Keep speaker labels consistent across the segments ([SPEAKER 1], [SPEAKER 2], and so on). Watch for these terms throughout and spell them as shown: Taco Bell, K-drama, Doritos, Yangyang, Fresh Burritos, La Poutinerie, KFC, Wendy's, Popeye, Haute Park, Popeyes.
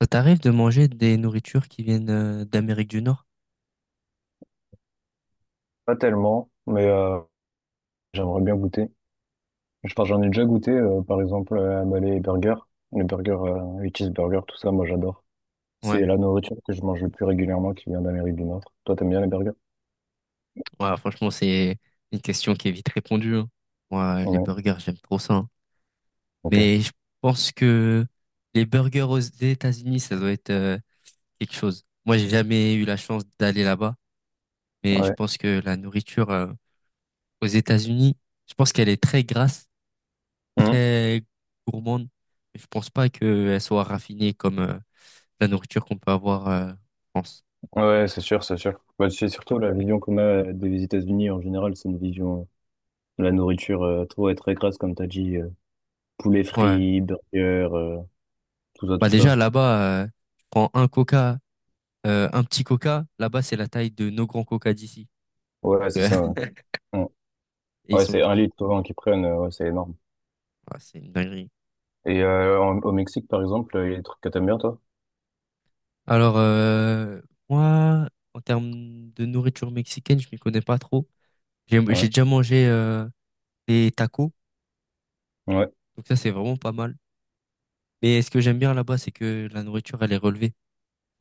[SPEAKER 1] Ça t'arrive de manger des nourritures qui viennent d'Amérique du Nord?
[SPEAKER 2] Pas tellement, mais j'aimerais bien goûter. Enfin, j'en ai déjà goûté, par exemple, à Malais et Burger. Les burgers, les cheeseburgers, tout ça, moi j'adore. C'est
[SPEAKER 1] Ouais,
[SPEAKER 2] la nourriture que je mange le plus régulièrement qui vient d'Amérique du Nord. Toi, t'aimes bien les burgers?
[SPEAKER 1] ouais, franchement, c'est une question qui est vite répondue, hein. Moi, les
[SPEAKER 2] Ouais,
[SPEAKER 1] burgers, j'aime trop ça, hein.
[SPEAKER 2] ok.
[SPEAKER 1] Mais je pense que les burgers aux États-Unis, ça doit être quelque chose. Moi, j'ai jamais eu la chance d'aller là-bas, mais je
[SPEAKER 2] Ouais.
[SPEAKER 1] pense que la nourriture aux États-Unis, je pense qu'elle est très grasse,
[SPEAKER 2] Mhm.
[SPEAKER 1] très gourmande. Je pense pas qu'elle soit raffinée comme la nourriture qu'on peut avoir en France.
[SPEAKER 2] Ouais, c'est sûr, c'est sûr. Bah, c'est surtout la vision qu'on a des États-Unis en général, c'est une vision de la nourriture trop et très grasse, comme t'as dit, poulet
[SPEAKER 1] Ouais.
[SPEAKER 2] frit, burger, euh, tout ça,
[SPEAKER 1] Bah
[SPEAKER 2] tout
[SPEAKER 1] déjà
[SPEAKER 2] ça.
[SPEAKER 1] là-bas, tu prends un coca, un petit coca, là-bas c'est la taille de nos grands coca d'ici.
[SPEAKER 2] Ouais, c'est ça.
[SPEAKER 1] Et
[SPEAKER 2] Ouais,
[SPEAKER 1] ils
[SPEAKER 2] ouais,
[SPEAKER 1] sont
[SPEAKER 2] c'est un
[SPEAKER 1] tous.
[SPEAKER 2] litre souvent qu'ils prennent, ouais, c'est énorme.
[SPEAKER 1] Ah, c'est une dinguerie.
[SPEAKER 2] Et au Mexique, par exemple, il y a des trucs que t'aimes bien, toi?
[SPEAKER 1] Alors moi, en termes de nourriture mexicaine, je m'y connais pas trop. J'ai
[SPEAKER 2] Ouais.
[SPEAKER 1] déjà mangé des tacos,
[SPEAKER 2] Ouais.
[SPEAKER 1] donc ça c'est vraiment pas mal. Mais ce que j'aime bien là-bas, c'est que la nourriture elle est relevée. Tu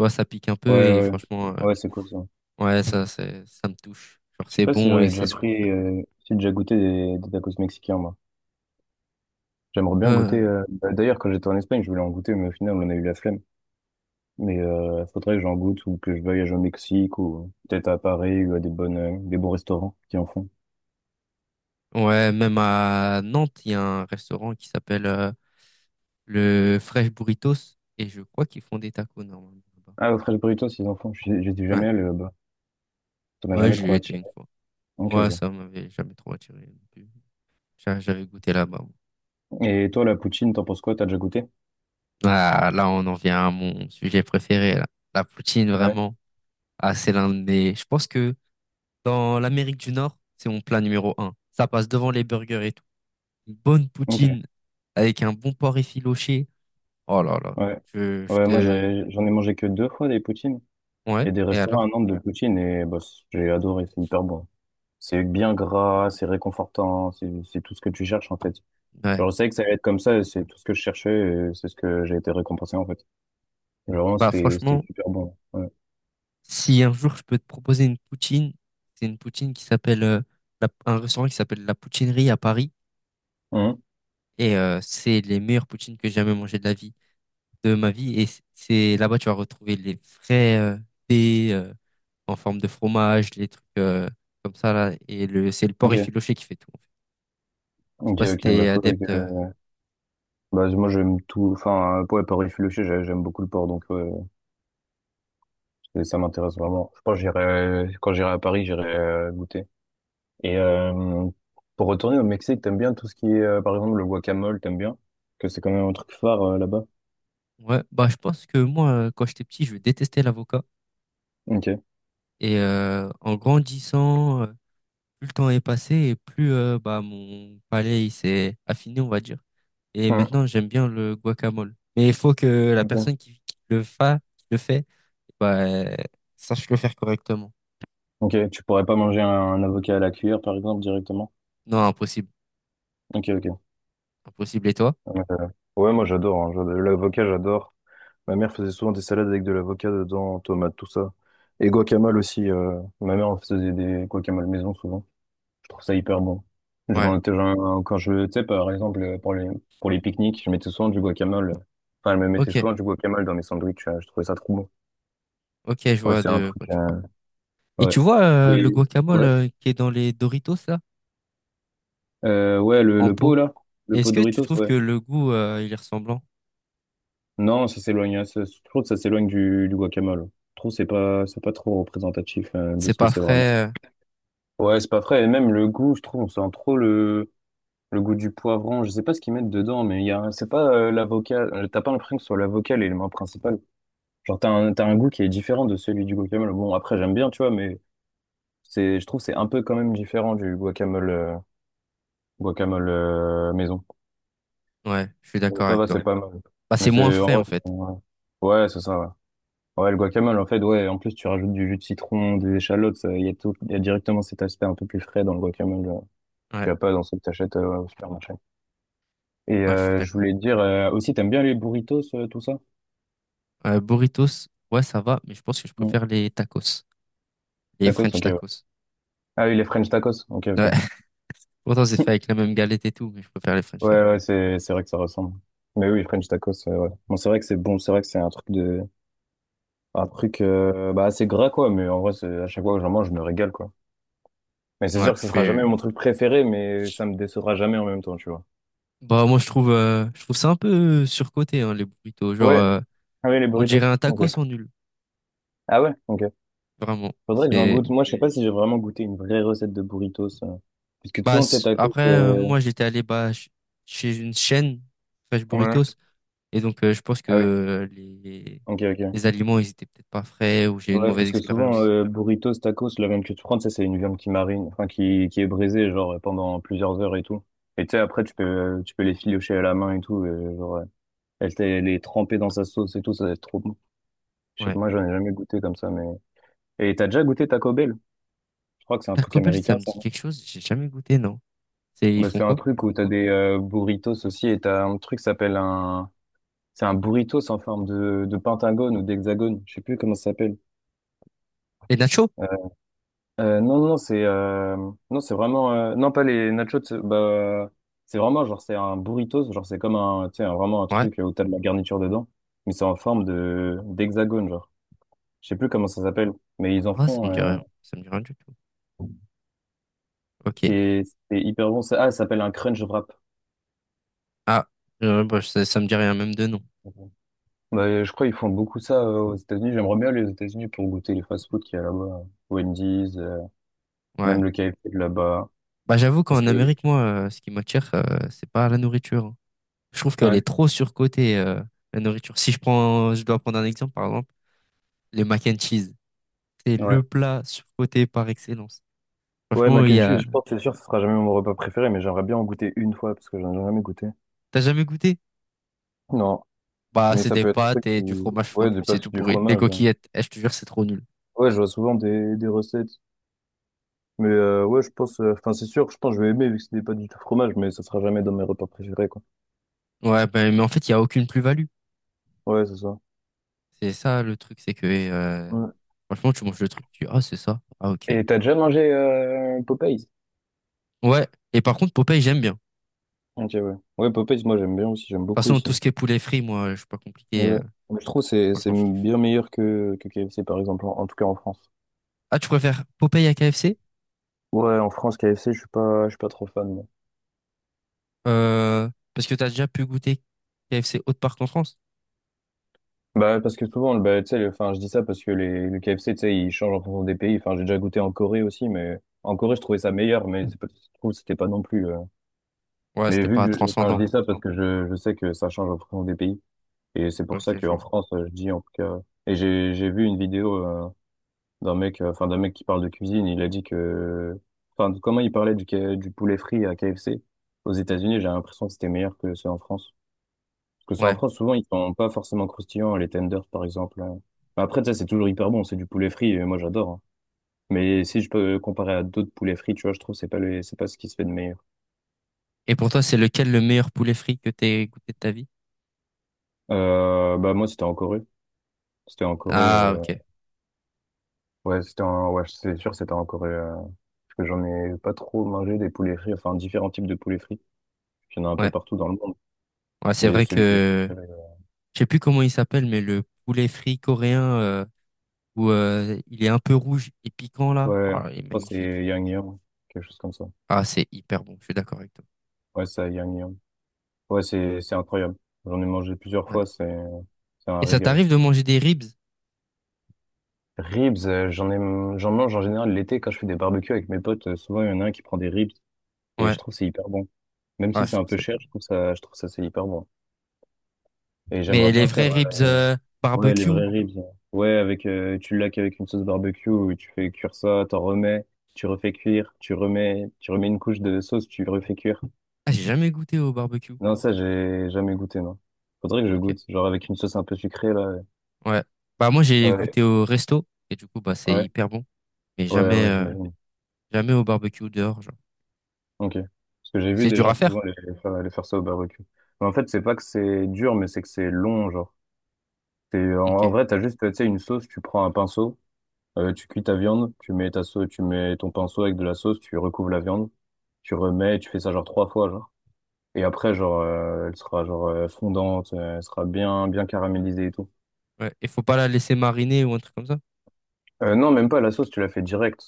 [SPEAKER 1] vois, ça pique un
[SPEAKER 2] Ouais,
[SPEAKER 1] peu et
[SPEAKER 2] ouais. Ouais,
[SPEAKER 1] franchement,
[SPEAKER 2] ouais, c'est cool ça.
[SPEAKER 1] ouais, ça, ça me touche. Genre
[SPEAKER 2] Je sais
[SPEAKER 1] c'est
[SPEAKER 2] pas si
[SPEAKER 1] bon
[SPEAKER 2] j'en
[SPEAKER 1] et
[SPEAKER 2] ai
[SPEAKER 1] c'est
[SPEAKER 2] déjà
[SPEAKER 1] souvent
[SPEAKER 2] pris,
[SPEAKER 1] frais.
[SPEAKER 2] si j'ai déjà goûté des tacos mexicains, moi. J'aimerais bien goûter.
[SPEAKER 1] Euh,
[SPEAKER 2] Bah, d'ailleurs, quand j'étais en Espagne, je voulais en goûter, mais au final, on a eu la flemme. Mais faudrait que j'en goûte ou que je voyage au Mexique ou peut-être à Paris ou à des bons restaurants qui en font.
[SPEAKER 1] ouais, même à Nantes, il y a un restaurant qui s'appelle le Fresh Burritos, et je crois qu'ils font des tacos normalement là-bas.
[SPEAKER 2] Ah, au Fresh Burritos, ils en font. J'étais
[SPEAKER 1] Ouais,
[SPEAKER 2] jamais allé là-bas. Ça m'a
[SPEAKER 1] ouais,
[SPEAKER 2] jamais
[SPEAKER 1] j'y
[SPEAKER 2] trop
[SPEAKER 1] ai été
[SPEAKER 2] attiré.
[SPEAKER 1] une fois.
[SPEAKER 2] Ok,
[SPEAKER 1] Ouais,
[SPEAKER 2] ok.
[SPEAKER 1] ça m'avait jamais trop attiré non plus. J'avais goûté là-bas, moi.
[SPEAKER 2] Et toi, la poutine, t'en penses quoi? T'as déjà goûté?
[SPEAKER 1] Ah, là, on en vient à mon sujet préféré, là. La poutine,
[SPEAKER 2] Ouais.
[SPEAKER 1] vraiment. Ah, c'est l'un de... Je pense que dans l'Amérique du Nord, c'est mon plat numéro un. Ça passe devant les burgers et tout. Une bonne
[SPEAKER 2] Ok.
[SPEAKER 1] poutine avec un bon porc effiloché. Oh là là,
[SPEAKER 2] Ouais.
[SPEAKER 1] je
[SPEAKER 2] Ouais, moi,
[SPEAKER 1] te...
[SPEAKER 2] j'en ai mangé que deux fois des poutines. Il
[SPEAKER 1] Ouais,
[SPEAKER 2] y a des
[SPEAKER 1] et
[SPEAKER 2] restaurants
[SPEAKER 1] alors?
[SPEAKER 2] à Nantes de poutine et bah, j'ai adoré, c'est hyper bon. C'est bien gras, c'est réconfortant, c'est tout ce que tu cherches en fait.
[SPEAKER 1] Ouais.
[SPEAKER 2] Genre, je savais que ça allait être comme ça et c'est tout ce que je cherchais et c'est ce que j'ai été récompensé en fait. Genre, vraiment,
[SPEAKER 1] Bah
[SPEAKER 2] c'était
[SPEAKER 1] franchement,
[SPEAKER 2] c'était super bon. Ouais.
[SPEAKER 1] si un jour je peux te proposer une poutine, c'est une poutine qui s'appelle un restaurant qui s'appelle La Poutinerie à Paris
[SPEAKER 2] Mhm.
[SPEAKER 1] et c'est les meilleures poutines que j'ai jamais mangées de la vie de ma vie et c'est là-bas tu vas retrouver les vrais dés en forme de fromage, les trucs comme ça là et le c'est le porc
[SPEAKER 2] Ok,
[SPEAKER 1] effiloché qui fait tout, en fait. Je sais
[SPEAKER 2] ok,
[SPEAKER 1] pas si
[SPEAKER 2] ok, bah
[SPEAKER 1] t'es
[SPEAKER 2] faudrait que...
[SPEAKER 1] adepte.
[SPEAKER 2] Bah moi j'aime tout, enfin, ouais, Paris filoché, j'aime beaucoup le porc donc ouais, ça m'intéresse vraiment. Je pense que j'irai, quand j'irai à Paris, j'irai goûter. Et pour retourner au Mexique, t'aimes bien tout ce qui est, par exemple, le guacamole, t'aimes bien? Que c'est quand même un truc phare là-bas.
[SPEAKER 1] Ouais, bah je pense que moi quand j'étais petit, je détestais l'avocat
[SPEAKER 2] Ok.
[SPEAKER 1] et en grandissant plus le temps est passé et plus bah, mon palais il s'est affiné, on va dire. Et
[SPEAKER 2] Hmm,
[SPEAKER 1] maintenant, j'aime bien le guacamole. Mais il faut que la
[SPEAKER 2] ok.
[SPEAKER 1] personne qui le fait, bah, sache le faire correctement.
[SPEAKER 2] Ok. Tu pourrais pas manger un avocat à la cuillère, par exemple, directement?
[SPEAKER 1] Non, impossible.
[SPEAKER 2] Ok, ok.
[SPEAKER 1] Impossible. Et toi?
[SPEAKER 2] Euh, Ouais, moi j'adore, hein. L'avocat, j'adore. Ma mère faisait souvent des salades avec de l'avocat dedans, tomates, tout ça. Et guacamole aussi. Ma mère en faisait des guacamole maison souvent. Je trouve ça hyper bon. Je m'en
[SPEAKER 1] Ouais.
[SPEAKER 2] étais- j'en- quand je, tu sais, par exemple, pour les pique-niques, je mettais souvent du guacamole. Enfin, je me mettais
[SPEAKER 1] Ok.
[SPEAKER 2] souvent du guacamole dans mes sandwichs. Je trouvais ça trop bon.
[SPEAKER 1] Ok, je
[SPEAKER 2] Ouais,
[SPEAKER 1] vois
[SPEAKER 2] c'est un
[SPEAKER 1] de quoi
[SPEAKER 2] truc,
[SPEAKER 1] tu parles. Et
[SPEAKER 2] ouais.
[SPEAKER 1] tu vois le
[SPEAKER 2] Et,
[SPEAKER 1] guacamole
[SPEAKER 2] ouais.
[SPEAKER 1] qui est dans les Doritos, là,
[SPEAKER 2] Ouais, le,
[SPEAKER 1] en
[SPEAKER 2] le pot,
[SPEAKER 1] pot.
[SPEAKER 2] là. Le pot
[SPEAKER 1] Est-ce que tu
[SPEAKER 2] Doritos,
[SPEAKER 1] trouves
[SPEAKER 2] ouais.
[SPEAKER 1] que le goût, il est ressemblant?
[SPEAKER 2] Non, ça s'éloigne, hein, je trouve que ça s'éloigne du guacamole. Je trouve que c'est pas trop représentatif, de
[SPEAKER 1] C'est
[SPEAKER 2] ce que
[SPEAKER 1] pas
[SPEAKER 2] c'est vraiment.
[SPEAKER 1] frais.
[SPEAKER 2] Ouais, c'est pas frais. Et même le goût, je trouve, on sent trop le goût du poivron. Je sais pas ce qu'ils mettent dedans, mais il y a, c'est pas, l'avocat. T'as pas l'impression que ce soit l'avocat l'élément principal. Genre, t'as un goût qui est différent de celui du guacamole. Bon, après, j'aime bien, tu vois, mais c'est, je trouve que c'est un peu quand même différent du guacamole, guacamole maison.
[SPEAKER 1] Ouais, je suis
[SPEAKER 2] Donc,
[SPEAKER 1] d'accord
[SPEAKER 2] ça
[SPEAKER 1] avec
[SPEAKER 2] va,
[SPEAKER 1] toi.
[SPEAKER 2] c'est pas. D'accord. Mal.
[SPEAKER 1] Bah,
[SPEAKER 2] Mais
[SPEAKER 1] c'est moins
[SPEAKER 2] c'est, en
[SPEAKER 1] frais,
[SPEAKER 2] vrai,
[SPEAKER 1] en fait.
[SPEAKER 2] ouais, ouais, c'est ça, ouais. Ouais, le guacamole, en fait, ouais, en plus, tu rajoutes du jus de citron, des échalotes, ça, il y a tout, il y a directement cet aspect un peu plus frais dans le guacamole, qu'il
[SPEAKER 1] Ouais,
[SPEAKER 2] n'y a pas dans ce que t'achètes au supermarché. Et
[SPEAKER 1] ouais, je suis
[SPEAKER 2] je
[SPEAKER 1] d'accord.
[SPEAKER 2] voulais te dire, aussi, t'aimes bien les burritos, tout ça?
[SPEAKER 1] Burritos, ouais, ça va, mais je pense que je
[SPEAKER 2] Mm.
[SPEAKER 1] préfère les tacos, les
[SPEAKER 2] Tacos,
[SPEAKER 1] French
[SPEAKER 2] ok, ouais.
[SPEAKER 1] tacos.
[SPEAKER 2] Ah oui, les French tacos, ok, ok.
[SPEAKER 1] Ouais, pourtant c'est fait avec la même galette et tout, mais je préfère les French
[SPEAKER 2] Ouais,
[SPEAKER 1] tacos.
[SPEAKER 2] ouais, c'est vrai que ça ressemble. Mais oui, French tacos, ouais. Bon, c'est vrai que c'est bon, c'est vrai que c'est un truc de, un truc, bah, assez gras, quoi, mais en vrai, c'est, à chaque fois que j'en mange, je me régale, quoi. Mais c'est
[SPEAKER 1] Ouais,
[SPEAKER 2] sûr que
[SPEAKER 1] je
[SPEAKER 2] ce sera jamais mon
[SPEAKER 1] fais.
[SPEAKER 2] truc préféré, mais ça me décevra jamais en même temps, tu vois.
[SPEAKER 1] Bah moi je trouve ça un peu surcoté hein, les burritos. Genre,
[SPEAKER 2] Ouais. Ah oui, les
[SPEAKER 1] on
[SPEAKER 2] burritos.
[SPEAKER 1] dirait un
[SPEAKER 2] Ok.
[SPEAKER 1] tacos en nul,
[SPEAKER 2] Ah ouais? Ok.
[SPEAKER 1] vraiment.
[SPEAKER 2] Faudrait que j'en
[SPEAKER 1] C'est
[SPEAKER 2] goûte. Moi, je sais pas si j'ai vraiment goûté une vraie recette de burritos. Parce que
[SPEAKER 1] bah
[SPEAKER 2] souvent, tes tacos,
[SPEAKER 1] après
[SPEAKER 2] euh...
[SPEAKER 1] moi j'étais allé bah chez une chaîne Fresh
[SPEAKER 2] Ouais.
[SPEAKER 1] Burritos et donc je pense que
[SPEAKER 2] Ah oui. Ok, ok.
[SPEAKER 1] les aliments ils étaient peut-être pas frais ou j'ai eu une
[SPEAKER 2] Ouais,
[SPEAKER 1] mauvaise
[SPEAKER 2] parce que souvent,
[SPEAKER 1] expérience.
[SPEAKER 2] burritos, tacos, la viande que tu prends, tu sais, c'est une viande qui marine, enfin, qui est brisée, genre, pendant plusieurs heures et tout. Et tu sais, après, tu peux les filocher à la main et tout, et, genre, elle est trempée dans sa sauce et tout, ça va être trop bon. Je sais
[SPEAKER 1] Ouais.
[SPEAKER 2] pas, moi, j'en ai jamais goûté comme ça, mais. Et t'as déjà goûté Taco Bell? Je crois que c'est un truc
[SPEAKER 1] Taco Bell ça
[SPEAKER 2] américain,
[SPEAKER 1] me
[SPEAKER 2] ça.
[SPEAKER 1] dit
[SPEAKER 2] Non.
[SPEAKER 1] quelque chose, j'ai jamais goûté non. C'est, ils
[SPEAKER 2] Bah,
[SPEAKER 1] font
[SPEAKER 2] c'est un
[SPEAKER 1] quoi?
[SPEAKER 2] truc où t'as des burritos aussi, et t'as un truc qui s'appelle un. C'est un burritos en forme de pentagone ou d'hexagone, je sais plus comment ça s'appelle.
[SPEAKER 1] Les nachos?
[SPEAKER 2] Euh, non, non, non, c'est non, c'est vraiment non pas les nachos. Bah, c'est vraiment genre c'est un burritos, genre c'est comme un tu sais vraiment un
[SPEAKER 1] Ouais.
[SPEAKER 2] truc où t'as de la garniture dedans, mais c'est en forme de d'hexagone genre. Je sais plus comment ça s'appelle, mais ils en
[SPEAKER 1] Ah, ça me
[SPEAKER 2] font.
[SPEAKER 1] dit rien. Ça me dit rien du tout. Ok.
[SPEAKER 2] C'est c'est hyper bon. Ah, ça s'appelle un crunch wrap.
[SPEAKER 1] Ah, bah, ça me dit rien, même de nom.
[SPEAKER 2] Bah, je crois qu'ils font beaucoup ça aux États-Unis. J'aimerais bien aller aux États-Unis pour goûter les fast-food qu'il y a là-bas, hein. Wendy's,
[SPEAKER 1] Ouais.
[SPEAKER 2] même le KFC de là-bas.
[SPEAKER 1] Bah, j'avoue
[SPEAKER 2] Parce
[SPEAKER 1] qu'en
[SPEAKER 2] que
[SPEAKER 1] Amérique, moi, ce qui m'attire, c'est pas la nourriture, hein. Je trouve qu'elle
[SPEAKER 2] ouais,
[SPEAKER 1] est trop surcotée, la nourriture. Si je prends, je dois prendre un exemple, par exemple, les mac and cheese. C'est
[SPEAKER 2] ouais.
[SPEAKER 1] le plat surcoté par excellence.
[SPEAKER 2] Ouais,
[SPEAKER 1] Franchement,
[SPEAKER 2] mac
[SPEAKER 1] il
[SPEAKER 2] and
[SPEAKER 1] y
[SPEAKER 2] cheese,
[SPEAKER 1] a...
[SPEAKER 2] je pense, que c'est sûr, ce sera jamais mon repas préféré, mais j'aimerais bien en goûter une fois parce que j'en ai jamais goûté.
[SPEAKER 1] T'as jamais goûté?
[SPEAKER 2] Non,
[SPEAKER 1] Bah,
[SPEAKER 2] mais
[SPEAKER 1] c'est
[SPEAKER 2] ça
[SPEAKER 1] des
[SPEAKER 2] peut être un
[SPEAKER 1] pâtes
[SPEAKER 2] truc
[SPEAKER 1] et
[SPEAKER 2] qui...
[SPEAKER 1] du fromage
[SPEAKER 2] Ouais, des
[SPEAKER 1] fondu, c'est
[SPEAKER 2] pâtes,
[SPEAKER 1] tout
[SPEAKER 2] du
[SPEAKER 1] pourri. Des
[SPEAKER 2] fromage. Ouais,
[SPEAKER 1] coquillettes, eh, je te jure, c'est trop nul.
[SPEAKER 2] ouais, je vois souvent des recettes. Mais ouais, je pense... Enfin, c'est sûr, je pense que je vais aimer vu que c'est des pâtes du tout fromage, mais ça sera jamais dans mes repas préférés, quoi.
[SPEAKER 1] Ouais, ben mais en fait, il y a aucune plus-value.
[SPEAKER 2] Ouais, c'est ça.
[SPEAKER 1] C'est ça le truc, c'est que
[SPEAKER 2] Ouais.
[SPEAKER 1] franchement, tu manges le truc, tu dis, ah, c'est ça. Ah, ok.
[SPEAKER 2] Et t'as déjà mangé Popeyes?
[SPEAKER 1] Ouais. Et par contre, Popeye, j'aime bien. De
[SPEAKER 2] Ok, ouais. Ouais, Popeyes, moi, j'aime bien aussi, j'aime
[SPEAKER 1] toute
[SPEAKER 2] beaucoup
[SPEAKER 1] façon,
[SPEAKER 2] aussi.
[SPEAKER 1] tout ce qui est poulet frit, moi, je suis pas compliqué.
[SPEAKER 2] Ouais.
[SPEAKER 1] euh,
[SPEAKER 2] Je trouve que c'est
[SPEAKER 1] franchement, je kiffe.
[SPEAKER 2] bien meilleur que KFC, par exemple, en tout cas en France.
[SPEAKER 1] Ah, tu préfères Popeye à KFC?
[SPEAKER 2] Ouais, en France, KFC, je suis pas trop fan.
[SPEAKER 1] Parce que t'as déjà pu goûter KFC Haute Park en France?
[SPEAKER 2] Bah, parce que souvent, bah, tu sais, enfin, je dis ça parce que le KFC, tu sais, il change en fonction des pays. Enfin, j'ai déjà goûté en Corée aussi, mais en Corée, je trouvais ça meilleur, mais c'est pas, je trouve que c'était pas non plus.
[SPEAKER 1] Ouais,
[SPEAKER 2] Mais
[SPEAKER 1] c'était
[SPEAKER 2] vu
[SPEAKER 1] pas
[SPEAKER 2] que, enfin,
[SPEAKER 1] transcendant.
[SPEAKER 2] je dis ça parce que je sais que ça change en fonction des pays. Et c'est pour ça
[SPEAKER 1] Ok, je
[SPEAKER 2] qu'en
[SPEAKER 1] vois.
[SPEAKER 2] France, je dis en tout cas. Et j'ai vu une vidéo d'un mec, enfin, d'un mec qui parle de cuisine. Il a dit que, enfin, comment il parlait du poulet frit à KFC aux États-Unis, j'ai l'impression que c'était meilleur que ceux en France. Parce que c'est en
[SPEAKER 1] Ouais.
[SPEAKER 2] France, souvent, ils sont pas forcément croustillants, les tenders, par exemple, hein. Enfin, après, ça, c'est toujours hyper bon, c'est du poulet frit, et moi, j'adore, hein. Mais si je peux comparer à d'autres poulets frits, tu vois, je trouve que c'est pas le, c'est pas ce qui se fait de meilleur.
[SPEAKER 1] Et pour toi, c'est lequel le meilleur poulet frit que t'aies goûté de ta vie?
[SPEAKER 2] Bah, moi, c'était en Corée. C'était en Corée,
[SPEAKER 1] Ah, ok.
[SPEAKER 2] ouais, c'était en, ouais, c'est sûr, c'était en Corée, parce que j'en ai pas trop mangé des poulets frits, enfin, différents types de poulets frits. Il y en a un peu
[SPEAKER 1] Ouais.
[SPEAKER 2] partout dans le monde.
[SPEAKER 1] Ouais, c'est
[SPEAKER 2] Mais
[SPEAKER 1] vrai
[SPEAKER 2] celui que j'ai
[SPEAKER 1] que
[SPEAKER 2] préféré,
[SPEAKER 1] je sais plus comment il s'appelle, mais le poulet frit coréen, où il est un peu rouge et piquant là.
[SPEAKER 2] ouais,
[SPEAKER 1] Ah, il
[SPEAKER 2] je
[SPEAKER 1] est
[SPEAKER 2] crois que
[SPEAKER 1] magnifique.
[SPEAKER 2] c'est Yangyang, quelque chose comme ça.
[SPEAKER 1] Ah, c'est hyper bon, je suis d'accord avec toi.
[SPEAKER 2] Ouais, ça à Yangyang. Ouais, c'est incroyable. J'en ai mangé plusieurs
[SPEAKER 1] Ouais.
[SPEAKER 2] fois, c'est un
[SPEAKER 1] Et ça
[SPEAKER 2] régal.
[SPEAKER 1] t'arrive de manger des ribs?
[SPEAKER 2] Ribs, j'en ai, j'en mange en général l'été quand je fais des barbecues avec mes potes. Souvent, il y en a un qui prend des ribs et je
[SPEAKER 1] Ouais,
[SPEAKER 2] trouve que c'est hyper bon. Même
[SPEAKER 1] ah,
[SPEAKER 2] si
[SPEAKER 1] je
[SPEAKER 2] c'est un
[SPEAKER 1] trouve ça
[SPEAKER 2] peu cher,
[SPEAKER 1] hyper bon.
[SPEAKER 2] je trouve ça c'est hyper bon. Et j'aimerais
[SPEAKER 1] Mais les
[SPEAKER 2] bien faire
[SPEAKER 1] vrais ribs
[SPEAKER 2] euh, ouais les
[SPEAKER 1] barbecue,
[SPEAKER 2] vrais ribs. Ouais, avec tu laques avec une sauce barbecue, où tu fais cuire ça, t'en remets, tu refais cuire, tu remets, une couche de sauce, tu refais cuire.
[SPEAKER 1] ah, j'ai jamais goûté au barbecue.
[SPEAKER 2] Non, ça j'ai jamais goûté, non. Faudrait que je
[SPEAKER 1] Ok,
[SPEAKER 2] goûte, genre avec une sauce un peu sucrée là.
[SPEAKER 1] ouais. Bah moi j'ai
[SPEAKER 2] Ouais,
[SPEAKER 1] goûté au resto et du coup bah c'est
[SPEAKER 2] ouais,
[SPEAKER 1] hyper bon, mais
[SPEAKER 2] ouais,
[SPEAKER 1] jamais
[SPEAKER 2] ouais, j'imagine.
[SPEAKER 1] jamais au barbecue dehors genre.
[SPEAKER 2] Ok. Parce que j'ai vu
[SPEAKER 1] C'est
[SPEAKER 2] des
[SPEAKER 1] dur
[SPEAKER 2] gens
[SPEAKER 1] à
[SPEAKER 2] souvent
[SPEAKER 1] faire.
[SPEAKER 2] aller faire ça au barbecue. Mais en fait, c'est pas que c'est dur, mais c'est que c'est long, genre. C'est, en,
[SPEAKER 1] Ok.
[SPEAKER 2] en vrai, t'as juste, tu sais, une sauce, tu prends un pinceau, tu cuis ta viande, tu mets ta sauce, tu mets ton pinceau avec de la sauce, tu recouvres la viande, tu remets, tu fais ça genre trois fois, genre. Et après, genre, elle sera genre fondante, elle sera bien, bien caramélisée et tout.
[SPEAKER 1] Ouais. Et faut pas la laisser mariner ou un truc comme ça.
[SPEAKER 2] Non, même pas, la sauce, tu la fais direct.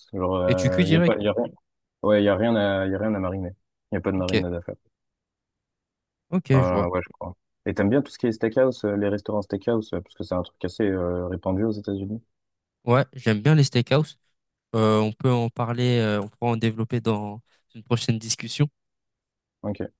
[SPEAKER 1] Et tu cuis
[SPEAKER 2] Genre, il y a pas,
[SPEAKER 1] direct.
[SPEAKER 2] y a rien. Ouais, y a rien à, y a rien à mariner. Y a pas de
[SPEAKER 1] Ok.
[SPEAKER 2] marinade à faire.
[SPEAKER 1] Ok, je vois.
[SPEAKER 2] Ouais, je crois. Et t'aimes bien tout ce qui est steakhouse, les restaurants steakhouse, parce que c'est un truc assez répandu aux États-Unis.
[SPEAKER 1] Ouais, j'aime bien les steakhouse. On peut en parler, on pourra en développer dans une prochaine discussion.
[SPEAKER 2] Ok.